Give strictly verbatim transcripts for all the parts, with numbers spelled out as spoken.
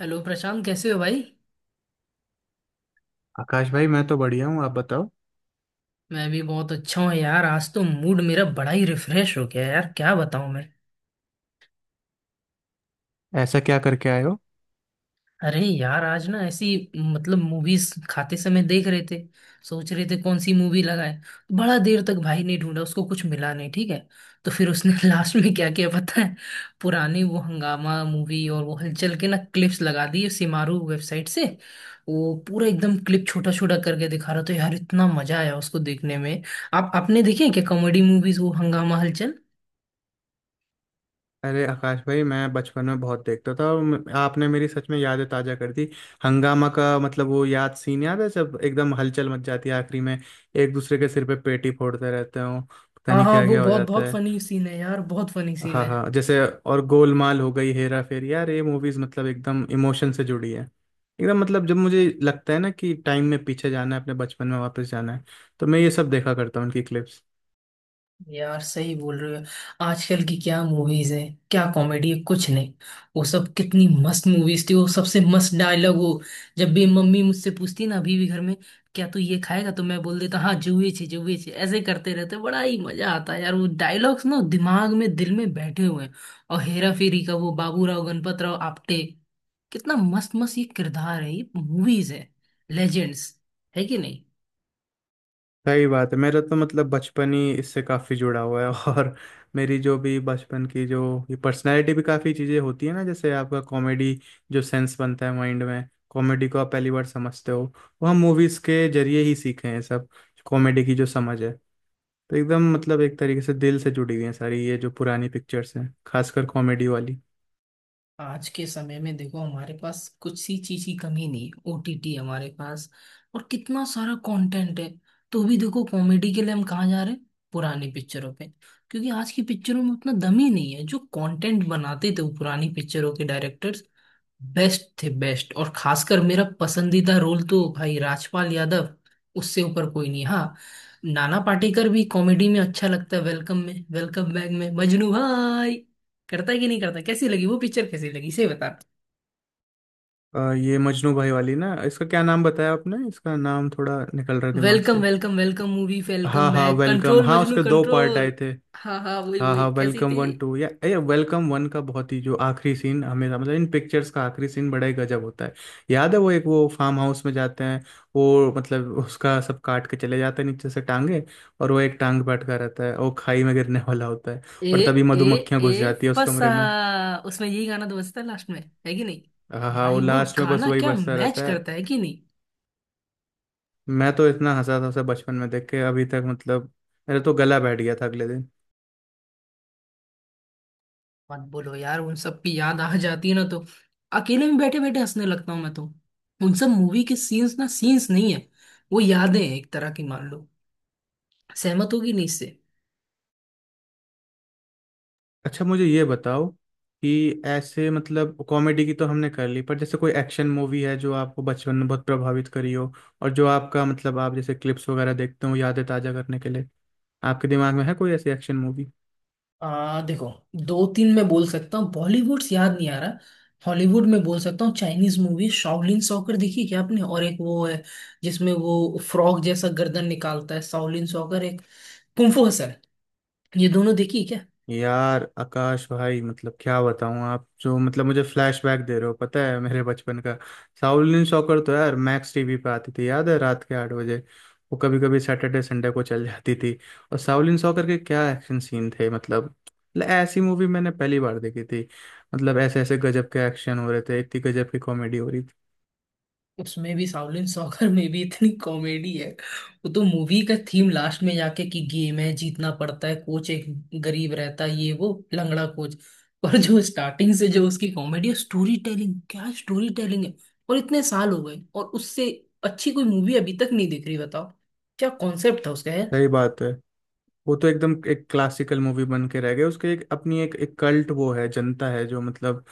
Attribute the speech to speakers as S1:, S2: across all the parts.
S1: Hello Prashant, कैसे हो भाई?
S2: आकाश भाई, मैं तो बढ़िया हूँ। आप बताओ,
S1: मैं भी बहुत अच्छा हूँ यार। आज तो मूड मेरा बड़ा ही रिफ्रेश हो गया, यार क्या बताऊँ मैं।
S2: ऐसा क्या करके आए हो?
S1: अरे यार, आज ना ऐसी मतलब मूवीज खाते समय देख रहे थे, सोच रहे थे कौन सी मूवी लगाए। बड़ा देर तक भाई ने ढूंढा, उसको कुछ मिला नहीं, ठीक है। तो फिर उसने लास्ट में क्या किया पता है? पुरानी वो हंगामा मूवी और वो हलचल के ना, क्लिप्स लगा दिए सिमारू वेबसाइट से। वो पूरा एकदम क्लिप छोटा छोटा करके दिखा रहा था यार, इतना मजा आया उसको देखने में। आप आपने देखे हैं क्या कॉमेडी मूवीज, वो हंगामा हलचल?
S2: अरे आकाश भाई, मैं बचपन में बहुत देखता था और म- आपने मेरी सच में यादें ताजा कर दी। हंगामा का मतलब, वो याद, सीन याद है जब एकदम हलचल मच जाती है आखिरी में। एक दूसरे के सिर पे पेटी फोड़ते रहते हो, पता
S1: हाँ
S2: नहीं
S1: हाँ,
S2: क्या
S1: वो
S2: क्या हो
S1: बहुत
S2: जाता
S1: बहुत
S2: है।
S1: फनी सीन है यार, बहुत फनी सीन
S2: हाँ
S1: है।
S2: हाँ, जैसे। और गोलमाल हो गई, हेरा फेरी, यार ये मूवीज मतलब एकदम इमोशन से जुड़ी है। एकदम मतलब जब मुझे लगता है ना कि टाइम में पीछे जाना है, अपने बचपन में वापस जाना है, तो मैं ये सब देखा करता हूँ, उनकी क्लिप्स।
S1: यार सही बोल रहे हो। आजकल की क्या मूवीज हैं, क्या कॉमेडी है, कुछ नहीं। वो सब कितनी मस्त मूवीज थी, वो सबसे मस्त डायलॉग। वो जब भी मम्मी मुझसे पूछती ना, अभी भी घर में, क्या तू ये खाएगा, तो मैं बोल देता हाँ जुए छे, जुए छे, ऐसे करते रहते, बड़ा ही मजा आता है यार। वो डायलॉग्स ना दिमाग में, दिल में बैठे हुए हैं। और हेरा फेरी का वो बाबूराव गणपत राव आपटे, कितना मस्त मस्त ये किरदार है, ये मूवीज है, लेजेंड्स है कि।
S2: सही बात है। मेरा तो मतलब बचपन ही इससे काफ़ी जुड़ा हुआ है और मेरी जो भी बचपन की जो ये पर्सनैलिटी भी काफ़ी चीज़ें होती है ना, जैसे आपका कॉमेडी जो सेंस बनता है माइंड में, कॉमेडी को आप पहली बार समझते हो, वो हम मूवीज़ के जरिए ही सीखे हैं सब। कॉमेडी की जो समझ है, तो एकदम मतलब एक तरीके से दिल से जुड़ी हुई हैं सारी ये जो पुरानी पिक्चर्स हैं, खासकर कॉमेडी वाली।
S1: आज के समय में देखो, हमारे पास कुछ सी चीज की कमी नहीं, ओ टी टी हमारे पास, और कितना सारा कंटेंट है। तो भी देखो, कॉमेडी के लिए हम कहाँ जा रहे हैं, पुरानी पिक्चरों पे। क्योंकि आज की पिक्चरों में उतना दम ही नहीं है। जो कंटेंट बनाते थे वो पुरानी पिक्चरों के डायरेक्टर्स, बेस्ट थे बेस्ट। और खासकर मेरा पसंदीदा रोल तो भाई राजपाल यादव, उससे ऊपर कोई नहीं। हाँ, नाना पाटेकर भी कॉमेडी में अच्छा लगता है, वेलकम में, वेलकम बैक में, मजनू भाई, करता है कि नहीं करता, कैसी लगी वो पिक्चर, कैसी लगी से बता।
S2: अ, ये मजनू भाई वाली ना, इसका क्या नाम बताया आपने? इसका नाम थोड़ा निकल रहा है दिमाग
S1: वेलकम,
S2: से।
S1: वेलकम, वेलकम मूवी,
S2: हाँ
S1: वेलकम
S2: हाँ
S1: बैक,
S2: वेलकम,
S1: कंट्रोल
S2: हाँ
S1: मजनू
S2: उसके दो पार्ट
S1: कंट्रोल।
S2: आए थे।
S1: हाँ हाँ, वही
S2: हाँ
S1: वही,
S2: हाँ,
S1: कैसी
S2: वेलकम
S1: थी?
S2: वन टू या या वेलकम वन का बहुत ही जो आखिरी सीन हमेशा, मतलब इन पिक्चर्स का आखिरी सीन बड़ा ही गजब होता है। याद है, वो एक, वो फार्म हाउस में जाते हैं। वो मतलब उसका सब काट के चले जाते हैं नीचे से टांगे, और वो एक टांग पे अटका रहता है, वो खाई में गिरने वाला होता है।
S1: ए,
S2: और तभी
S1: ए,
S2: मधुमक्खियां घुस
S1: ए
S2: जाती है उस
S1: फसा,
S2: कमरे में।
S1: उसमें यही गाना तो बजता है लास्ट में, है कि नहीं?
S2: हाँ हाँ, वो
S1: भाई वो
S2: लास्ट में बस
S1: गाना
S2: वही
S1: क्या
S2: बचता
S1: मैच
S2: रहता है।
S1: करता है कि नहीं?
S2: मैं तो इतना हंसा था उसे बचपन में देख के, अभी तक मतलब मेरा तो गला बैठ गया था अगले दिन।
S1: मत बोलो यार, उन सब की याद आ जाती है ना, तो अकेले में बैठे बैठे हंसने लगता हूँ मैं तो। उन सब मूवी के सीन्स ना, सीन्स नहीं है, वो यादें हैं एक तरह की, मान लो, सहमत होगी नहीं इससे।
S2: अच्छा, मुझे ये बताओ कि ऐसे मतलब कॉमेडी की तो हमने कर ली, पर जैसे कोई एक्शन मूवी है जो आपको बचपन में बहुत प्रभावित करी हो, और जो आपका मतलब, आप जैसे क्लिप्स वगैरह देखते हो यादें ताजा करने के लिए, आपके दिमाग में है कोई ऐसी एक्शन मूवी?
S1: आ देखो, दो तीन मैं बोल सकता हूँ, बॉलीवुड से याद नहीं आ रहा। हॉलीवुड में बोल सकता हूँ, चाइनीज मूवी शाओलिन सॉकर देखी क्या आपने? और एक वो है जिसमें वो फ्रॉग जैसा गर्दन निकालता है, शाओलिन सॉकर एक, कुंफू हसल, ये दोनों देखी क्या?
S2: यार आकाश भाई मतलब क्या बताऊं, आप जो मतलब मुझे फ्लैशबैक दे रहे हो, पता है, मेरे बचपन का। शाओलिन सॉकर तो यार मैक्स टीवी पे आती थी, याद है, रात के आठ बजे। वो कभी कभी सैटरडे संडे को चल जाती थी। और शाओलिन सॉकर के क्या एक्शन सीन थे! मतलब मतलब ऐसी मूवी मैंने पहली बार देखी थी। मतलब ऐसे ऐसे गजब के एक्शन हो रहे थे, इतनी गजब की कॉमेडी हो रही थी।
S1: उसमें भी, शाओलिन सॉकर में भी इतनी कॉमेडी है। वो तो मूवी का थीम, लास्ट में जाके कि गेम है जीतना पड़ता है, कोच एक गरीब रहता है, ये वो लंगड़ा कोच। पर जो स्टार्टिंग से जो उसकी कॉमेडी है, स्टोरी टेलिंग, क्या स्टोरी टेलिंग है। और इतने साल हो गए, और उससे अच्छी कोई मूवी अभी तक नहीं दिख रही, बताओ। क्या कॉन्सेप्ट था उसका।
S2: सही बात है। वो तो एकदम एक क्लासिकल मूवी बन के रह गए, उसके एक अपनी एक एक कल्ट वो है जनता है जो मतलब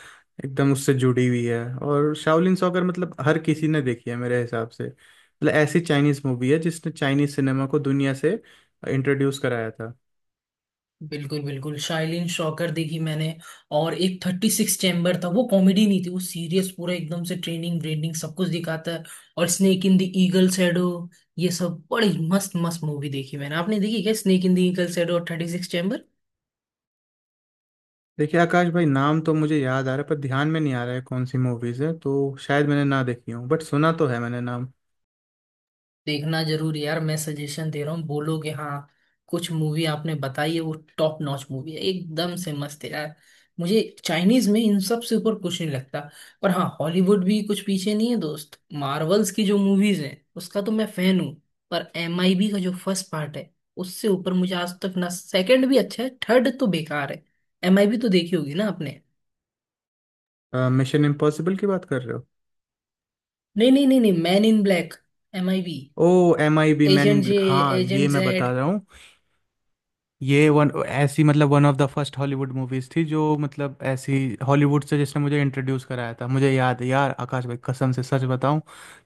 S2: एकदम उससे जुड़ी हुई है। और शाओलिन सॉकर मतलब हर किसी ने देखी है मेरे हिसाब से, मतलब ऐसी चाइनीज मूवी है जिसने चाइनीज सिनेमा को दुनिया से इंट्रोड्यूस कराया था।
S1: बिल्कुल बिल्कुल, शाइलिन शॉकर देखी मैंने। और एक थर्टी सिक्स चैम्बर था, वो कॉमेडी नहीं थी, वो सीरियस पूरा एकदम से, ट्रेनिंग ब्रेनिंग सब कुछ दिखाता है। और snake in the eagle shadow, ये सब बड़ी मस्त मस्त मूवी देखी मैंने। आपने देखी क्या snake in the eagle shadow और थर्टी सिक्स?
S2: देखिए आकाश भाई, नाम तो मुझे याद आ रहा है पर ध्यान में नहीं आ रहा है कौन सी मूवीज है, तो शायद मैंने ना देखी हूँ, बट सुना तो है मैंने नाम।
S1: देखना जरूर यार, मैं सजेशन दे रहा हूँ, बोलोगे हाँ। कुछ मूवी आपने बताई है, वो टॉप नॉच मूवी है, एकदम से मस्त है यार। मुझे चाइनीज में इन सब से ऊपर कुछ नहीं लगता। पर हाँ, हॉलीवुड भी कुछ पीछे नहीं है दोस्त, मार्वल्स की जो मूवीज हैं उसका तो मैं फैन हूँ। पर एम आई बी का जो फर्स्ट पार्ट है, उससे ऊपर मुझे आज तक ना, सेकंड भी अच्छा है, थर्ड तो बेकार है। एम आई बी तो देखी होगी ना आपने?
S2: मिशन इम्पॉसिबल की बात कर रहे हो?
S1: नहीं नहीं नहीं नहीं, man in black, M I B,
S2: O, M I B, man in
S1: agent J,
S2: black, हाँ ये
S1: एजेंट
S2: मैं बता
S1: जेड।
S2: रहा हूँ। ये वन ऐसी मतलब one of the first Hollywood movies थी जो मतलब ऐसी हॉलीवुड से, जिसने मुझे इंट्रोड्यूस कराया था। मुझे याद है यार आकाश भाई, कसम से सच बताऊं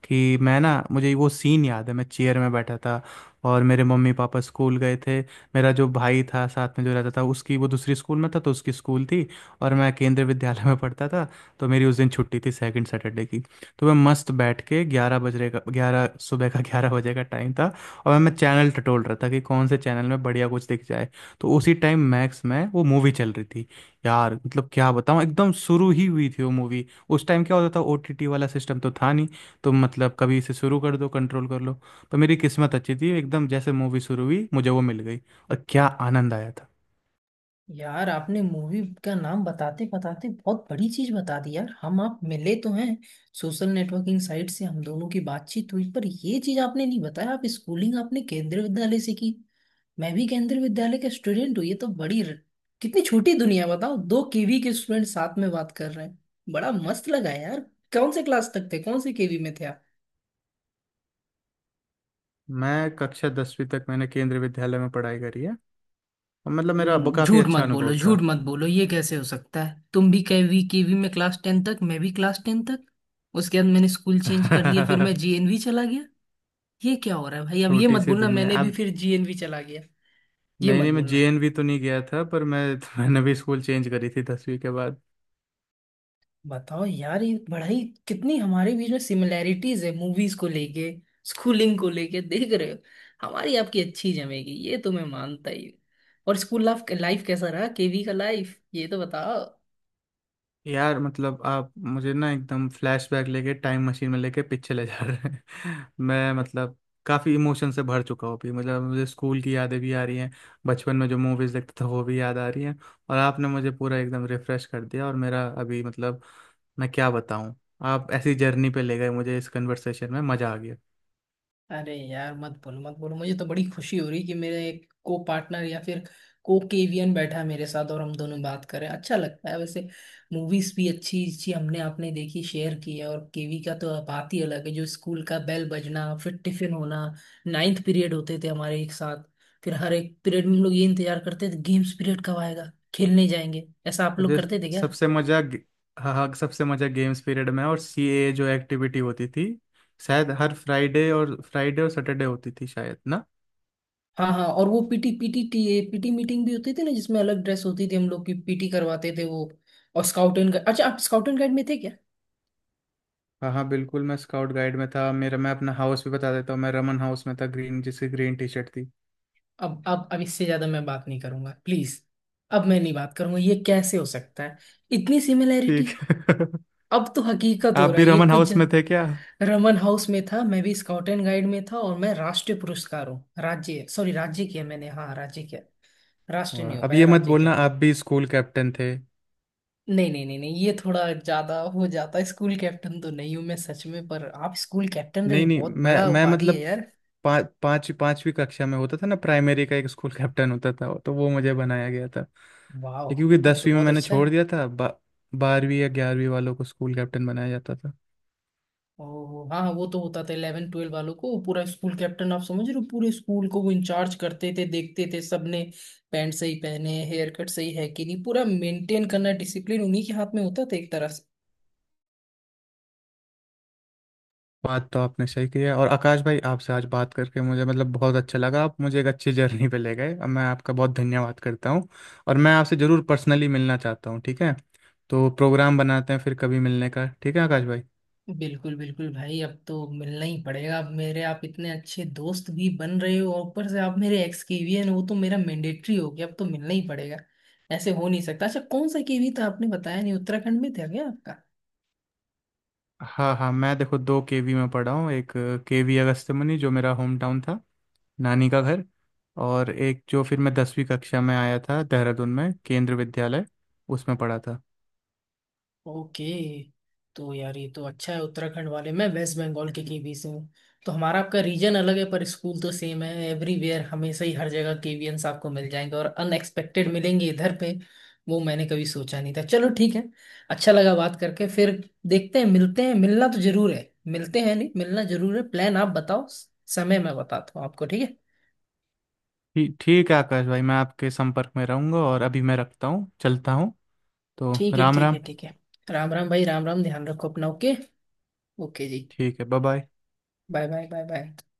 S2: कि मैं ना मुझे वो सीन याद है। मैं चेयर में बैठा था और मेरे मम्मी पापा स्कूल गए थे। मेरा जो भाई था साथ में जो रहता था, उसकी वो दूसरी स्कूल में था तो उसकी स्कूल थी। और मैं केंद्रीय विद्यालय में पढ़ता था। तो मेरी उस दिन छुट्टी थी सेकंड सैटरडे की। तो मैं मस्त बैठ के, ग्यारह बजे का ग्यारह सुबह का ग्यारह बजे का टाइम था। और मैं चैनल टटोल रहा था कि कौन से चैनल में बढ़िया कुछ दिख जाए। तो उसी टाइम मैक्स में वो मूवी चल रही थी। यार मतलब क्या बताऊँ, एकदम शुरू ही हुई थी वो मूवी। उस टाइम क्या होता था, ओ टी टी वाला सिस्टम तो था नहीं, तो मतलब कभी इसे शुरू कर दो, कंट्रोल कर लो। तो मेरी किस्मत अच्छी थी, एकदम जैसे मूवी शुरू हुई मुझे वो मिल गई। और क्या आनंद आया था।
S1: यार आपने मूवी का नाम बताते बताते बहुत बड़ी चीज बता दी यार। हम आप मिले तो हैं सोशल नेटवर्किंग साइट से, हम दोनों की बातचीत हुई, पर ये चीज आपने नहीं बताया, आप स्कूलिंग आपने केंद्रीय विद्यालय से की। मैं भी केंद्रीय विद्यालय का स्टूडेंट हूँ, ये तो बड़ी र- कितनी छोटी दुनिया है, बताओ, दो के वी के स्टूडेंट साथ में बात कर रहे हैं। बड़ा मस्त लगा यार। कौन से क्लास तक थे, कौन से के वी में थे आप?
S2: मैं कक्षा दसवीं तक मैंने केंद्रीय विद्यालय में पढ़ाई करी है। और मतलब मेरा अब
S1: हम्म,
S2: काफ़ी
S1: झूठ
S2: अच्छा
S1: मत
S2: अनुभव
S1: बोलो, झूठ
S2: था
S1: मत बोलो, ये कैसे हो सकता है, तुम भी के वी, के वी में क्लास टेन तक, मैं भी क्लास टेन तक, उसके बाद मैंने स्कूल चेंज कर लिया, फिर मैं जी एन वी चला गया। ये क्या हो रहा है भाई, अब ये
S2: छोटी
S1: मत
S2: सी
S1: बोलना
S2: दुनिया
S1: मैंने भी
S2: अब।
S1: फिर जी एन वी चला गया। ये
S2: नहीं
S1: मत
S2: नहीं, मैं
S1: बोलना।
S2: जे एन वी तो नहीं गया था, पर मैं मैंने भी स्कूल चेंज करी थी दसवीं के बाद।
S1: बताओ यार, ये पढ़ाई, कितनी हमारे बीच में सिमिलैरिटीज है, मूवीज को लेके, स्कूलिंग को लेके, देख रहे हो। हमारी आपकी अच्छी जमेगी ये तो मैं मानता ही हूँ। और स्कूल लाइफ लाइफ कैसा रहा के वी का लाइफ, ये तो बताओ।
S2: यार मतलब आप मुझे ना एकदम फ्लैशबैक लेके, टाइम मशीन में लेके पीछे ले जा रहे हैं मैं मतलब काफ़ी इमोशन से भर चुका हूँ अभी, मतलब मुझे स्कूल की यादें भी आ रही हैं, बचपन में जो मूवीज़ देखता था वो भी याद आ रही हैं। और आपने मुझे पूरा एकदम रिफ़्रेश कर दिया। और मेरा अभी मतलब मैं क्या बताऊँ, आप ऐसी जर्नी पे ले गए मुझे, इस कन्वर्सेशन में मज़ा आ गया।
S1: अरे यार मत बोलो मत बोलो, मुझे तो बड़ी खुशी हो रही कि मेरे एक को पार्टनर या फिर को केवियन बैठा है मेरे साथ, और हम दोनों बात कर रहे हैं। अच्छा लगता है वैसे। मूवीज भी अच्छी अच्छी हमने आपने देखी, शेयर की है। और के वी का तो बात ही अलग है, जो स्कूल का बेल बजना, फिर टिफिन होना, नाइन्थ पीरियड होते थे हमारे एक साथ। फिर हर एक पीरियड में हम लोग ये इंतजार करते थे, गेम्स पीरियड कब आएगा, खेलने जाएंगे, ऐसा आप लोग
S2: मुझे
S1: करते थे क्या?
S2: सबसे मज़ा गे- हाँ हाँ, सबसे मज़ा गेम्स पीरियड में। और सी ए जो एक्टिविटी होती थी, शायद हर फ्राइडे और फ्राइडे और सैटरडे होती थी शायद ना।
S1: हाँ हाँ, और वो PT PT T P T meeting भी होती थी ना, जिसमें अलग ड्रेस होती थी, हम लोग की पी टी करवाते थे वो। और स्काउट एंड गाइड, अच्छा, आप स्काउट एंड गाइड में थे क्या?
S2: हाँ हाँ बिल्कुल, मैं स्काउट गाइड में था। मेरा मैं अपना हाउस भी बता देता हूँ, मैं रमन हाउस में था, ग्रीन, जिसकी ग्रीन टी शर्ट थी।
S1: अब अब अब इससे ज्यादा मैं बात नहीं करूंगा प्लीज, अब मैं नहीं बात करूंगा, ये कैसे हो सकता है, इतनी सिमिलैरिटी,
S2: ठीक है
S1: अब तो हकीकत हो
S2: आप
S1: रहा
S2: भी
S1: है ये
S2: रमन
S1: कुछ
S2: हाउस
S1: जन,
S2: में थे क्या?
S1: रमन हाउस में था, मैं भी स्काउट एंड गाइड में था, और मैं राष्ट्रीय पुरस्कार हूँ, राज्य, सॉरी, राज्य किया मैंने, हाँ राज्य किया, राष्ट्रीय
S2: वाह,
S1: नहीं हो
S2: अब
S1: पाया,
S2: ये मत
S1: राज्य किया।
S2: बोलना आप भी स्कूल कैप्टन थे।
S1: नहीं नहीं नहीं नहीं, ये थोड़ा ज्यादा हो जाता है, स्कूल कैप्टन तो नहीं हूँ मैं सच में, पर आप स्कूल कैप्टन रहे,
S2: नहीं नहीं,
S1: बहुत
S2: मैं
S1: बड़ा
S2: मैं
S1: उपाधि है
S2: मतलब
S1: यार।
S2: पा, पाँच पांचवी कक्षा में होता था ना, प्राइमरी का एक स्कूल कैप्टन होता था, तो वो मुझे बनाया गया था। लेकिन क्योंकि
S1: वाह, ये तो
S2: दसवीं में
S1: बहुत
S2: मैंने
S1: अच्छा
S2: छोड़
S1: है।
S2: दिया था, बा, बारहवीं या ग्यारहवीं वालों को स्कूल कैप्टन बनाया जाता था।
S1: और हाँ हाँ, वो तो होता था इलेवन ट्वेल्व वालों को, पूरा स्कूल कैप्टन, आप समझ रहे हो, पूरे स्कूल को वो इंचार्ज करते थे, देखते थे सबने पैंट सही पहने, हेयर कट सही है कि नहीं, पूरा मेंटेन करना, डिसिप्लिन उन्हीं के हाथ में होता था एक तरह से।
S2: बात तो आपने सही की है। और आकाश भाई, आपसे आज बात करके मुझे मतलब बहुत अच्छा लगा। आप मुझे एक अच्छी जर्नी पे ले गए, और मैं आपका बहुत धन्यवाद करता हूँ। और मैं आपसे ज़रूर पर्सनली मिलना चाहता हूँ, ठीक है? तो प्रोग्राम बनाते हैं फिर कभी मिलने का, ठीक है आकाश भाई?
S1: बिल्कुल बिल्कुल भाई, अब तो मिलना ही पड़ेगा, अब मेरे आप इतने अच्छे दोस्त भी बन रहे हो, और ऊपर से आप मेरे एक्स के वी हैं, वो तो मेरा मैंडेटरी हो गया, अब तो मिलना ही पड़ेगा, ऐसे हो नहीं सकता। अच्छा, कौन सा के वी था, आपने बताया नहीं, उत्तराखंड में था क्या आपका?
S2: हाँ हाँ, मैं देखो दो के वी में पढ़ा हूँ। एक के वी अगस्त्यमुनि, जो मेरा होम टाउन था, नानी का घर। और एक जो फिर मैं दसवीं कक्षा में आया था, देहरादून में केंद्र विद्यालय, उसमें पढ़ा था।
S1: ओके, तो यार ये तो अच्छा है उत्तराखंड वाले, मैं वेस्ट बंगाल के केवी से हूँ, तो हमारा आपका रीजन अलग है, पर स्कूल तो सेम है एवरीवेयर, हमेशा ही हर जगह के वी एंस आपको मिल जाएंगे, और अनएक्सपेक्टेड मिलेंगे इधर पे, वो मैंने कभी सोचा नहीं था। चलो ठीक है, अच्छा लगा बात करके। फिर देखते हैं, मिलते हैं, मिलना तो जरूर है, मिलते हैं, नहीं मिलना जरूर है, प्लान आप बताओ, समय मैं बताता हूँ आपको, ठीक है?
S2: ठीक ठीक है आकाश भाई, मैं आपके संपर्क में रहूंगा, और अभी मैं रखता हूँ, चलता हूँ। तो
S1: ठीक है,
S2: राम
S1: ठीक
S2: राम।
S1: है, ठीक है, राम राम भाई, राम राम, ध्यान रखो अपना, ओके, ओके जी,
S2: ठीक है, bye bye.
S1: Bye bye, bye bye.